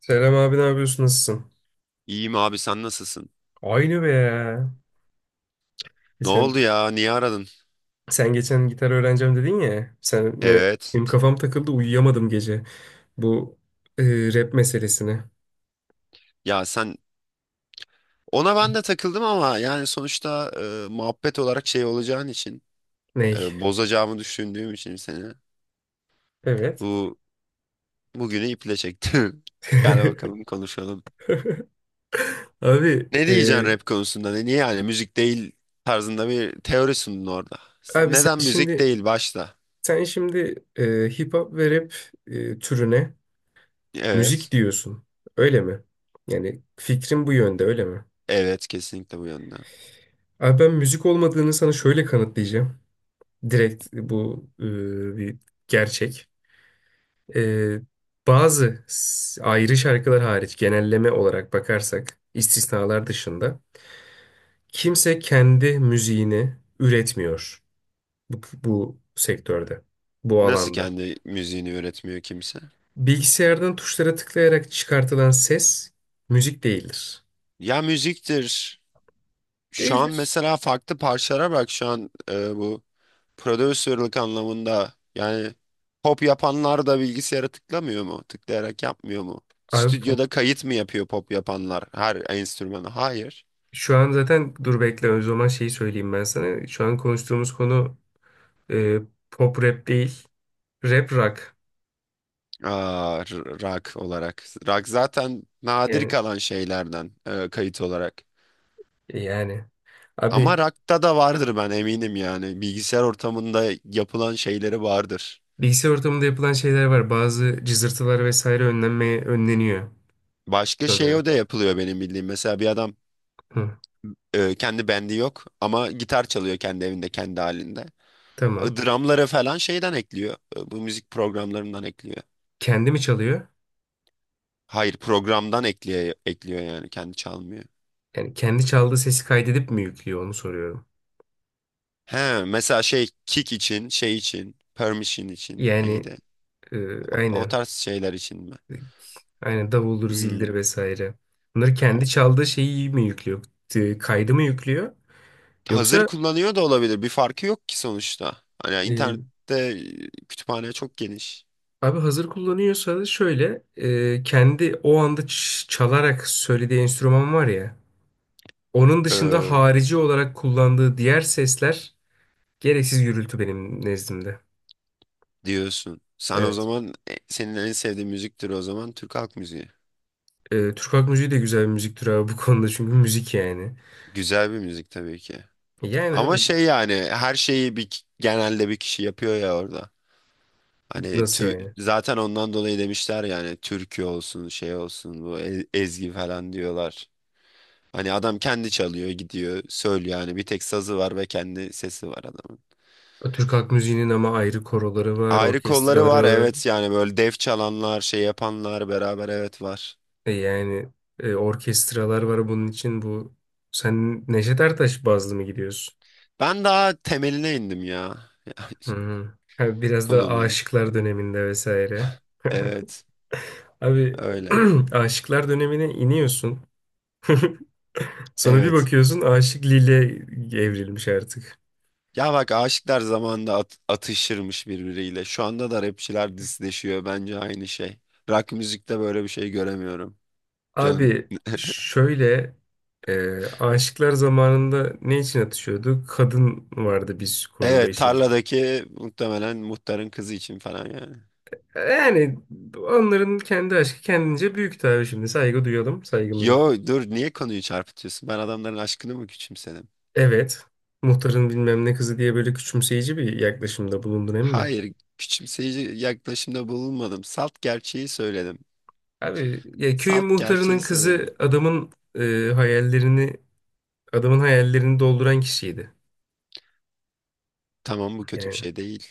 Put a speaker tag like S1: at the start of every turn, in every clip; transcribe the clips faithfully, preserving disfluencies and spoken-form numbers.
S1: Selam abi, ne yapıyorsun, nasılsın?
S2: İyiyim abi sen nasılsın?
S1: Aynı be ya.
S2: Ne
S1: Geçen,
S2: oldu ya? Niye aradın?
S1: sen geçen gitar öğreneceğim dedin ya. Sen ne? Benim
S2: Evet.
S1: kafam takıldı, uyuyamadım gece. Bu e, Rap meselesine.
S2: Ya sen ona ben de takıldım ama yani sonuçta e, muhabbet olarak şey olacağın için
S1: Ney?
S2: e, bozacağımı düşündüğüm için seni
S1: Evet.
S2: bu bugünü iple çektim. Gel bakalım konuşalım.
S1: Abi
S2: Ne
S1: e,
S2: diyeceksin rap konusunda? Ne, niye yani müzik değil tarzında bir teori sundun orada.
S1: abi sen
S2: Neden müzik
S1: şimdi
S2: değil başta?
S1: sen şimdi e, hip hop ve rap e, türüne müzik
S2: Evet.
S1: diyorsun. Öyle mi? Yani fikrin bu yönde, öyle mi?
S2: Evet, kesinlikle bu yönde.
S1: Abi, ben müzik olmadığını sana şöyle kanıtlayacağım. Direkt bu e, bir gerçek. Ee, bazı s- ayrı şarkılar hariç, genelleme olarak bakarsak, istisnalar dışında kimse kendi müziğini üretmiyor bu, bu sektörde, bu
S2: Nasıl
S1: alanda.
S2: kendi müziğini üretmiyor kimse?
S1: Bilgisayardan tuşlara tıklayarak çıkartılan ses müzik değildir.
S2: Ya müziktir. Şu an
S1: Değildir.
S2: mesela farklı parçalara bak şu an e, bu prodüserlik anlamında yani pop yapanlar da bilgisayara tıklamıyor mu? Tıklayarak yapmıyor mu?
S1: Abi, bu
S2: Stüdyoda kayıt mı yapıyor pop yapanlar her enstrümanı? Hayır.
S1: şu an zaten, dur bekle, o zaman şeyi söyleyeyim ben sana. Şu an konuştuğumuz konu e, pop rap değil, rap rock.
S2: Aa, r- rock olarak. Rock zaten nadir
S1: Yani,
S2: kalan şeylerden e, kayıt olarak.
S1: e, yani.
S2: Ama
S1: Abi,
S2: rock'ta da vardır ben eminim yani. Bilgisayar ortamında yapılan şeyleri vardır.
S1: bilgisayar ortamında yapılan şeyler var. Bazı cızırtılar vesaire önlenmeye önleniyor
S2: Başka şey
S1: sanırım.
S2: o da yapılıyor benim bildiğim. Mesela bir adam
S1: Hı,
S2: Ee, kendi bendi yok ama gitar çalıyor kendi evinde kendi halinde.
S1: tamam.
S2: Dramları falan şeyden ekliyor. Ee, Bu müzik programlarından ekliyor.
S1: Kendi mi çalıyor?
S2: Hayır, programdan ekliyor, ekliyor yani kendi çalmıyor.
S1: Yani kendi çaldığı sesi kaydedip mi yüklüyor, onu soruyorum.
S2: He mesela şey kick için şey için permission için
S1: Yani
S2: neydi?
S1: e,
S2: O
S1: aynen.
S2: tarz şeyler için mi?
S1: Aynen davuldur,
S2: Hmm,
S1: zildir vesaire. Bunları kendi
S2: o-
S1: çaldığı şeyi mi yüklüyor? E, kaydı mı yüklüyor?
S2: Hazır
S1: Yoksa
S2: kullanıyor da olabilir. Bir farkı yok ki sonuçta. Hani
S1: e,
S2: internette e, kütüphane çok geniş.
S1: abi, hazır kullanıyorsa da şöyle, e, kendi o anda ç- çalarak söylediği enstrüman var ya. Onun dışında
S2: Ee,
S1: harici olarak kullandığı diğer sesler gereksiz gürültü benim nezdimde.
S2: diyorsun. Sen o
S1: Evet.
S2: zaman e, senin en sevdiğin müziktir o zaman Türk halk müziği.
S1: Ee, Türk halk müziği de güzel bir müzik türü abi, bu konuda, çünkü müzik yani.
S2: Güzel bir müzik tabii ki.
S1: Yani
S2: Ama
S1: abi,
S2: şey yani her şeyi bir genelde bir kişi yapıyor ya orada. Hani
S1: nasıl
S2: tü-
S1: yani?
S2: zaten ondan dolayı demişler yani türkü olsun şey olsun bu e- ezgi falan diyorlar. Hani adam kendi çalıyor gidiyor söylüyor yani bir tek sazı var ve kendi sesi var adamın.
S1: Türk halk müziğinin ama ayrı koroları var,
S2: Ayrı kolları var,
S1: orkestraları var.
S2: evet, yani böyle dev çalanlar şey yapanlar beraber evet var.
S1: E yani, e, orkestralar var bunun için, bu. Sen Neşet Ertaş bazlı mı gidiyorsun?
S2: Ben daha temeline indim ya
S1: Hı hı. Ha, biraz da
S2: konunun.
S1: Aşıklar döneminde vesaire.
S2: Evet,
S1: Abi,
S2: öyle
S1: Aşıklar dönemine iniyorsun. Sonra bir
S2: evet.
S1: bakıyorsun, Aşık Lile evrilmiş artık.
S2: Ya bak aşıklar zamanında at- atışırmış birbiriyle. Şu anda da rapçiler disleşiyor. Bence aynı şey. Rock müzikte böyle bir şey göremiyorum. Canım.
S1: Abi şöyle, e, aşıklar zamanında ne için atışıyordu? Kadın vardı biz konuda
S2: Evet,
S1: işin içinde.
S2: tarladaki muhtemelen muhtarın kızı için falan yani.
S1: Yani onların kendi aşkı kendince büyük tabii, şimdi saygı duyalım saygımızı. ko-
S2: Yo dur, niye konuyu çarpıtıyorsun? Ben adamların aşkını mı küçümsedim?
S1: Evet, muhtarın bilmem ne kızı diye böyle küçümseyici bir yaklaşımda bulundun, emin mi?
S2: Hayır, küçümseyici yaklaşımda bulunmadım. Salt gerçeği söyledim.
S1: Abi ya, köyün
S2: Salt
S1: muhtarının
S2: gerçeği söyledim.
S1: kızı adamın e, hayallerini adamın hayallerini dolduran kişiydi.
S2: Tamam, bu kötü
S1: Yani
S2: bir şey değil.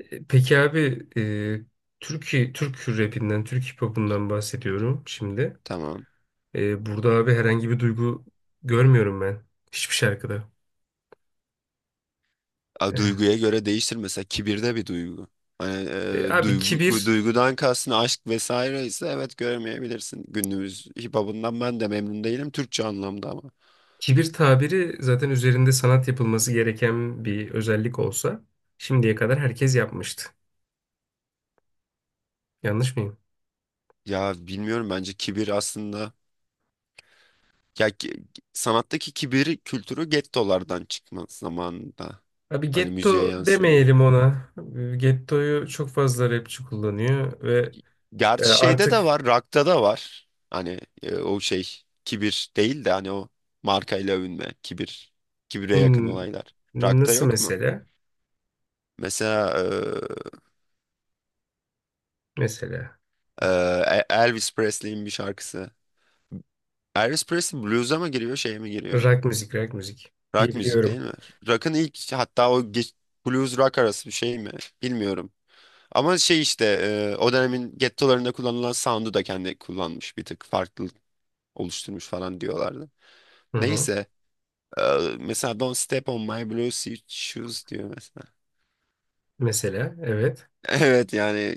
S1: E, Peki abi, e, Türkiye, Türk rapinden, Türk hip hop'undan bahsediyorum şimdi.
S2: Tamam.
S1: E, burada abi, herhangi bir duygu görmüyorum ben hiçbir şarkıda.
S2: A,
S1: E,
S2: duyguya göre değişir, mesela kibir de bir duygu. Hani
S1: e,
S2: e,
S1: abi
S2: duygu,
S1: kibir
S2: duygudan kastın aşk vesaire ise evet göremeyebilirsin. Günümüz hip hop'undan ben de memnun değilim Türkçe anlamda ama.
S1: kibir tabiri zaten üzerinde sanat yapılması gereken bir özellik olsa şimdiye kadar herkes yapmıştı. Yanlış mıyım?
S2: Ya bilmiyorum, bence kibir aslında ya ki- sanattaki kibir kültürü gettolardan çıkma zamanında.
S1: Abi,
S2: Hani müziğe
S1: getto
S2: yansıyor.
S1: demeyelim ona. E, gettoyu çok fazla rapçi kullanıyor ve e,
S2: Gerçi şeyde de
S1: artık
S2: var, rock'ta da var. Hani e, o şey kibir değil de hani o markayla övünme, kibir, kibire yakın
S1: hmm,
S2: olaylar. Rock'ta
S1: nasıl
S2: yok mu?
S1: mesela?
S2: Mesela
S1: Mesela.
S2: e, e, Elvis Presley'in bir şarkısı. Elvis Presley blues'a mı giriyor, şeye mi giriyor?
S1: Rock müzik, rock müzik
S2: Rock müzik değil
S1: diyebiliyorum.
S2: mi? Rock'ın ilk hatta o geç, blues rock arası bir şey mi? Bilmiyorum. Ama şey işte e, o dönemin gettolarında kullanılan sound'u da kendi kullanmış bir tık farklı oluşturmuş falan diyorlardı.
S1: Hı hı.
S2: Neyse e, mesela Don't Step on My Blue Shoes diyor mesela.
S1: Mesela, evet.
S2: Evet yani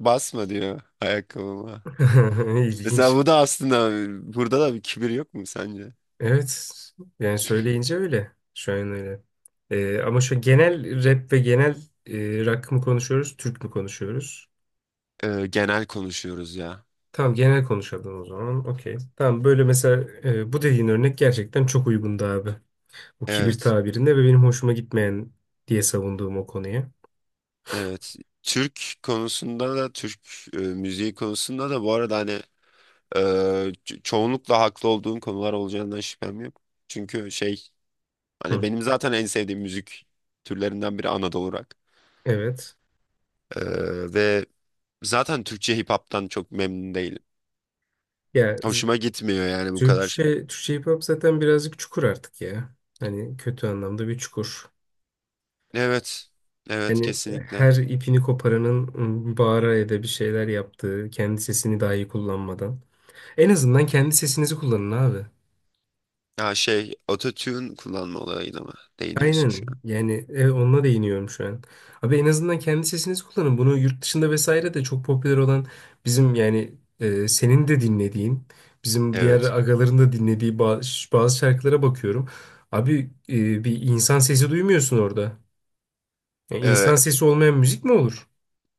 S2: basma diyor ayakkabıma. Mesela
S1: İlginç.
S2: bu da aslında burada da bir kibir yok mu sence?
S1: Evet, yani söyleyince öyle. Şu an öyle. Ee, ama şu genel rap ve genel, e, rock mı konuşuyoruz, Türk mü konuşuyoruz?
S2: Ee, genel konuşuyoruz ya.
S1: Tamam, genel konuşalım o zaman. Okey. Tamam, böyle mesela, e, bu dediğin örnek gerçekten çok uygundu abi. O kibir
S2: Evet,
S1: tabirinde ve benim hoşuma gitmeyen diye savunduğum o konuya.
S2: evet. Türk konusunda da Türk e, müziği konusunda da bu arada hani e, ço- çoğunlukla haklı olduğum konular olacağından şüphem yok. Çünkü şey hani
S1: Hı.
S2: benim zaten en sevdiğim müzik türlerinden biri Anadolu rock.
S1: Evet.
S2: Ee, ve zaten Türkçe hip hop'tan çok memnun değilim.
S1: Ya
S2: Hoşuma gitmiyor yani bu kadar.
S1: Türkçe, Türkçe hip hop zaten birazcık çukur artık ya. Hani kötü anlamda bir çukur.
S2: Evet, evet
S1: Yani
S2: kesinlikle.
S1: her ipini koparanın ım, bağıra ya da bir şeyler yaptığı, kendi sesini dahi kullanmadan. En azından kendi sesinizi kullanın abi.
S2: Ya şey ototune kullanma olayına mı değiniyorsun şu
S1: Aynen
S2: an?
S1: yani, evet, onunla değiniyorum şu an. Abi, en azından kendi sesinizi kullanın. Bunu yurt dışında vesaire de çok popüler olan bizim yani, e, senin de dinlediğin, bizim diğer
S2: Evet.
S1: agaların da dinlediği bazı, bazı şarkılara bakıyorum. Abi, e, bir insan sesi duymuyorsun orada. Ya insan sesi olmayan müzik mi olur?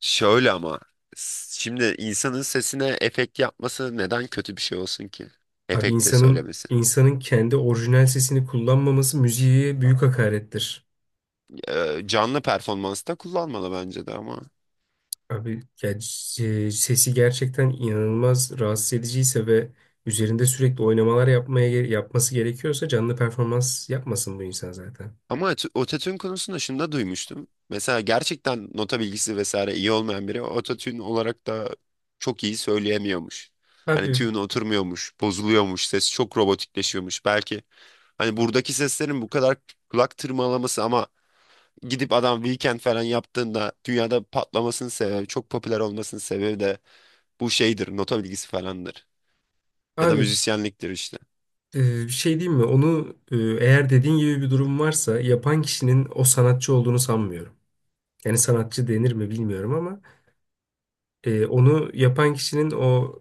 S2: Şöyle ama s- şimdi insanın sesine efekt yapması neden kötü bir şey olsun ki?
S1: Abi,
S2: Efektle
S1: insanın
S2: söylemesi.
S1: insanın kendi orijinal sesini kullanmaması müziğe büyük hakarettir.
S2: Ee, canlı performansta kullanmalı bence de ama.
S1: Abi ya, c- sesi gerçekten inanılmaz rahatsız ediciyse ve üzerinde sürekli oynamalar yapmaya ge- yapması gerekiyorsa, canlı performans yapmasın bu insan zaten.
S2: Ama ot- ototune konusunda şunu da duymuştum. Mesela gerçekten nota bilgisi vesaire iyi olmayan biri ototune olarak da çok iyi söyleyemiyormuş. Hani
S1: Abi
S2: tune oturmuyormuş, bozuluyormuş, ses çok robotikleşiyormuş. Belki hani buradaki seslerin bu kadar kulak tırmalaması ama gidip adam weekend falan yaptığında dünyada patlamasının sebebi, çok popüler olmasının sebebi de bu şeydir, nota bilgisi falandır. Ya da
S1: abi
S2: müzisyenliktir işte.
S1: e, bir şey diyeyim mi? Onu, e, eğer dediğin gibi bir durum varsa, yapan kişinin o sanatçı olduğunu sanmıyorum. Yani sanatçı denir mi bilmiyorum ama E, onu yapan kişinin o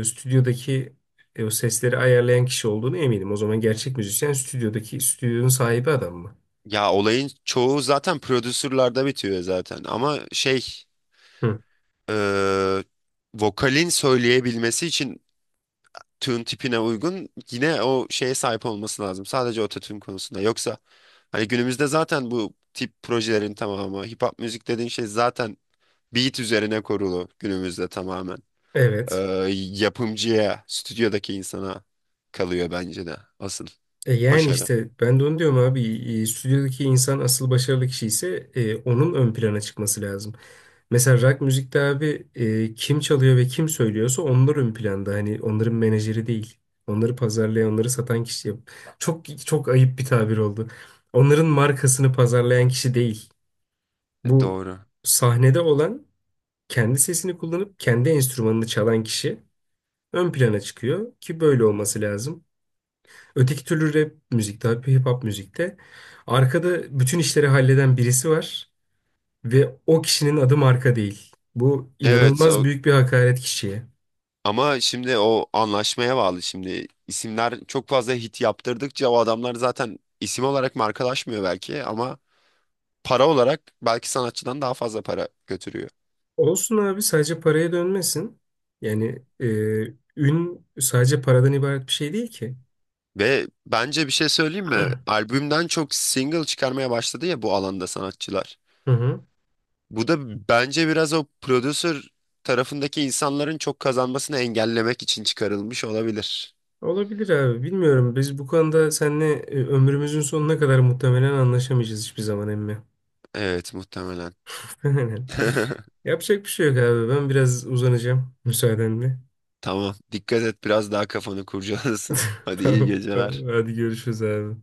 S1: e, stüdyodaki, e, o sesleri ayarlayan kişi olduğunu eminim. O zaman gerçek müzisyen stüdyodaki, stüdyonun sahibi adam mı?
S2: Ya olayın çoğu zaten prodüsürlerde bitiyor zaten. Ama şey,
S1: Hı.
S2: eee, vokalin söyleyebilmesi için tune tipine uygun yine o şeye sahip olması lazım. Sadece ototune konusunda. Yoksa hani günümüzde zaten bu tip projelerin tamamı, hip hop müzik dediğin şey zaten beat üzerine kurulu günümüzde tamamen. e,
S1: Evet.
S2: Yapımcıya, stüdyodaki insana kalıyor bence de asıl
S1: E, yani
S2: başarı.
S1: işte ben de onu diyorum abi. E, stüdyodaki insan asıl başarılı kişi ise, e, onun ön plana çıkması lazım. Mesela rock müzikte abi, e, kim çalıyor ve kim söylüyorsa onlar ön planda. Hani onların menajeri değil. Onları pazarlayan, onları satan kişi. Çok çok ayıp bir tabir oldu. Onların markasını pazarlayan kişi değil.
S2: E,
S1: Bu
S2: doğru.
S1: sahnede olan, kendi sesini kullanıp kendi enstrümanını çalan kişi ön plana çıkıyor ki böyle olması lazım. Öteki türlü rap müzikte, hip hop müzikte arkada bütün işleri halleden birisi var ve o kişinin adı marka değil. Bu
S2: Evet
S1: inanılmaz
S2: o,
S1: büyük bir hakaret kişiye.
S2: ama şimdi o anlaşmaya bağlı şimdi. İsimler çok fazla hit yaptırdıkça o adamlar zaten isim olarak markalaşmıyor belki ama para olarak belki sanatçıdan daha fazla para götürüyor.
S1: Olsun abi, sadece paraya dönmesin. Yani e, ün sadece paradan ibaret bir şey değil ki.
S2: Ve bence bir şey söyleyeyim mi? Albümden çok single çıkarmaya başladı ya bu alanda sanatçılar.
S1: Hı hı.
S2: Bu da bence biraz o prodüser tarafındaki insanların çok kazanmasını engellemek için çıkarılmış olabilir.
S1: Olabilir abi. Bilmiyorum. Biz bu konuda seninle, e, ömrümüzün sonuna kadar muhtemelen anlaşamayacağız hiçbir zaman emmi.
S2: Evet, muhtemelen.
S1: Yapacak bir şey yok abi. Ben biraz uzanacağım müsaadenle.
S2: Tamam. Dikkat et biraz daha kafanı kurcalasın. Hadi iyi
S1: Tamam, tamam.
S2: geceler.
S1: Hadi görüşürüz abi.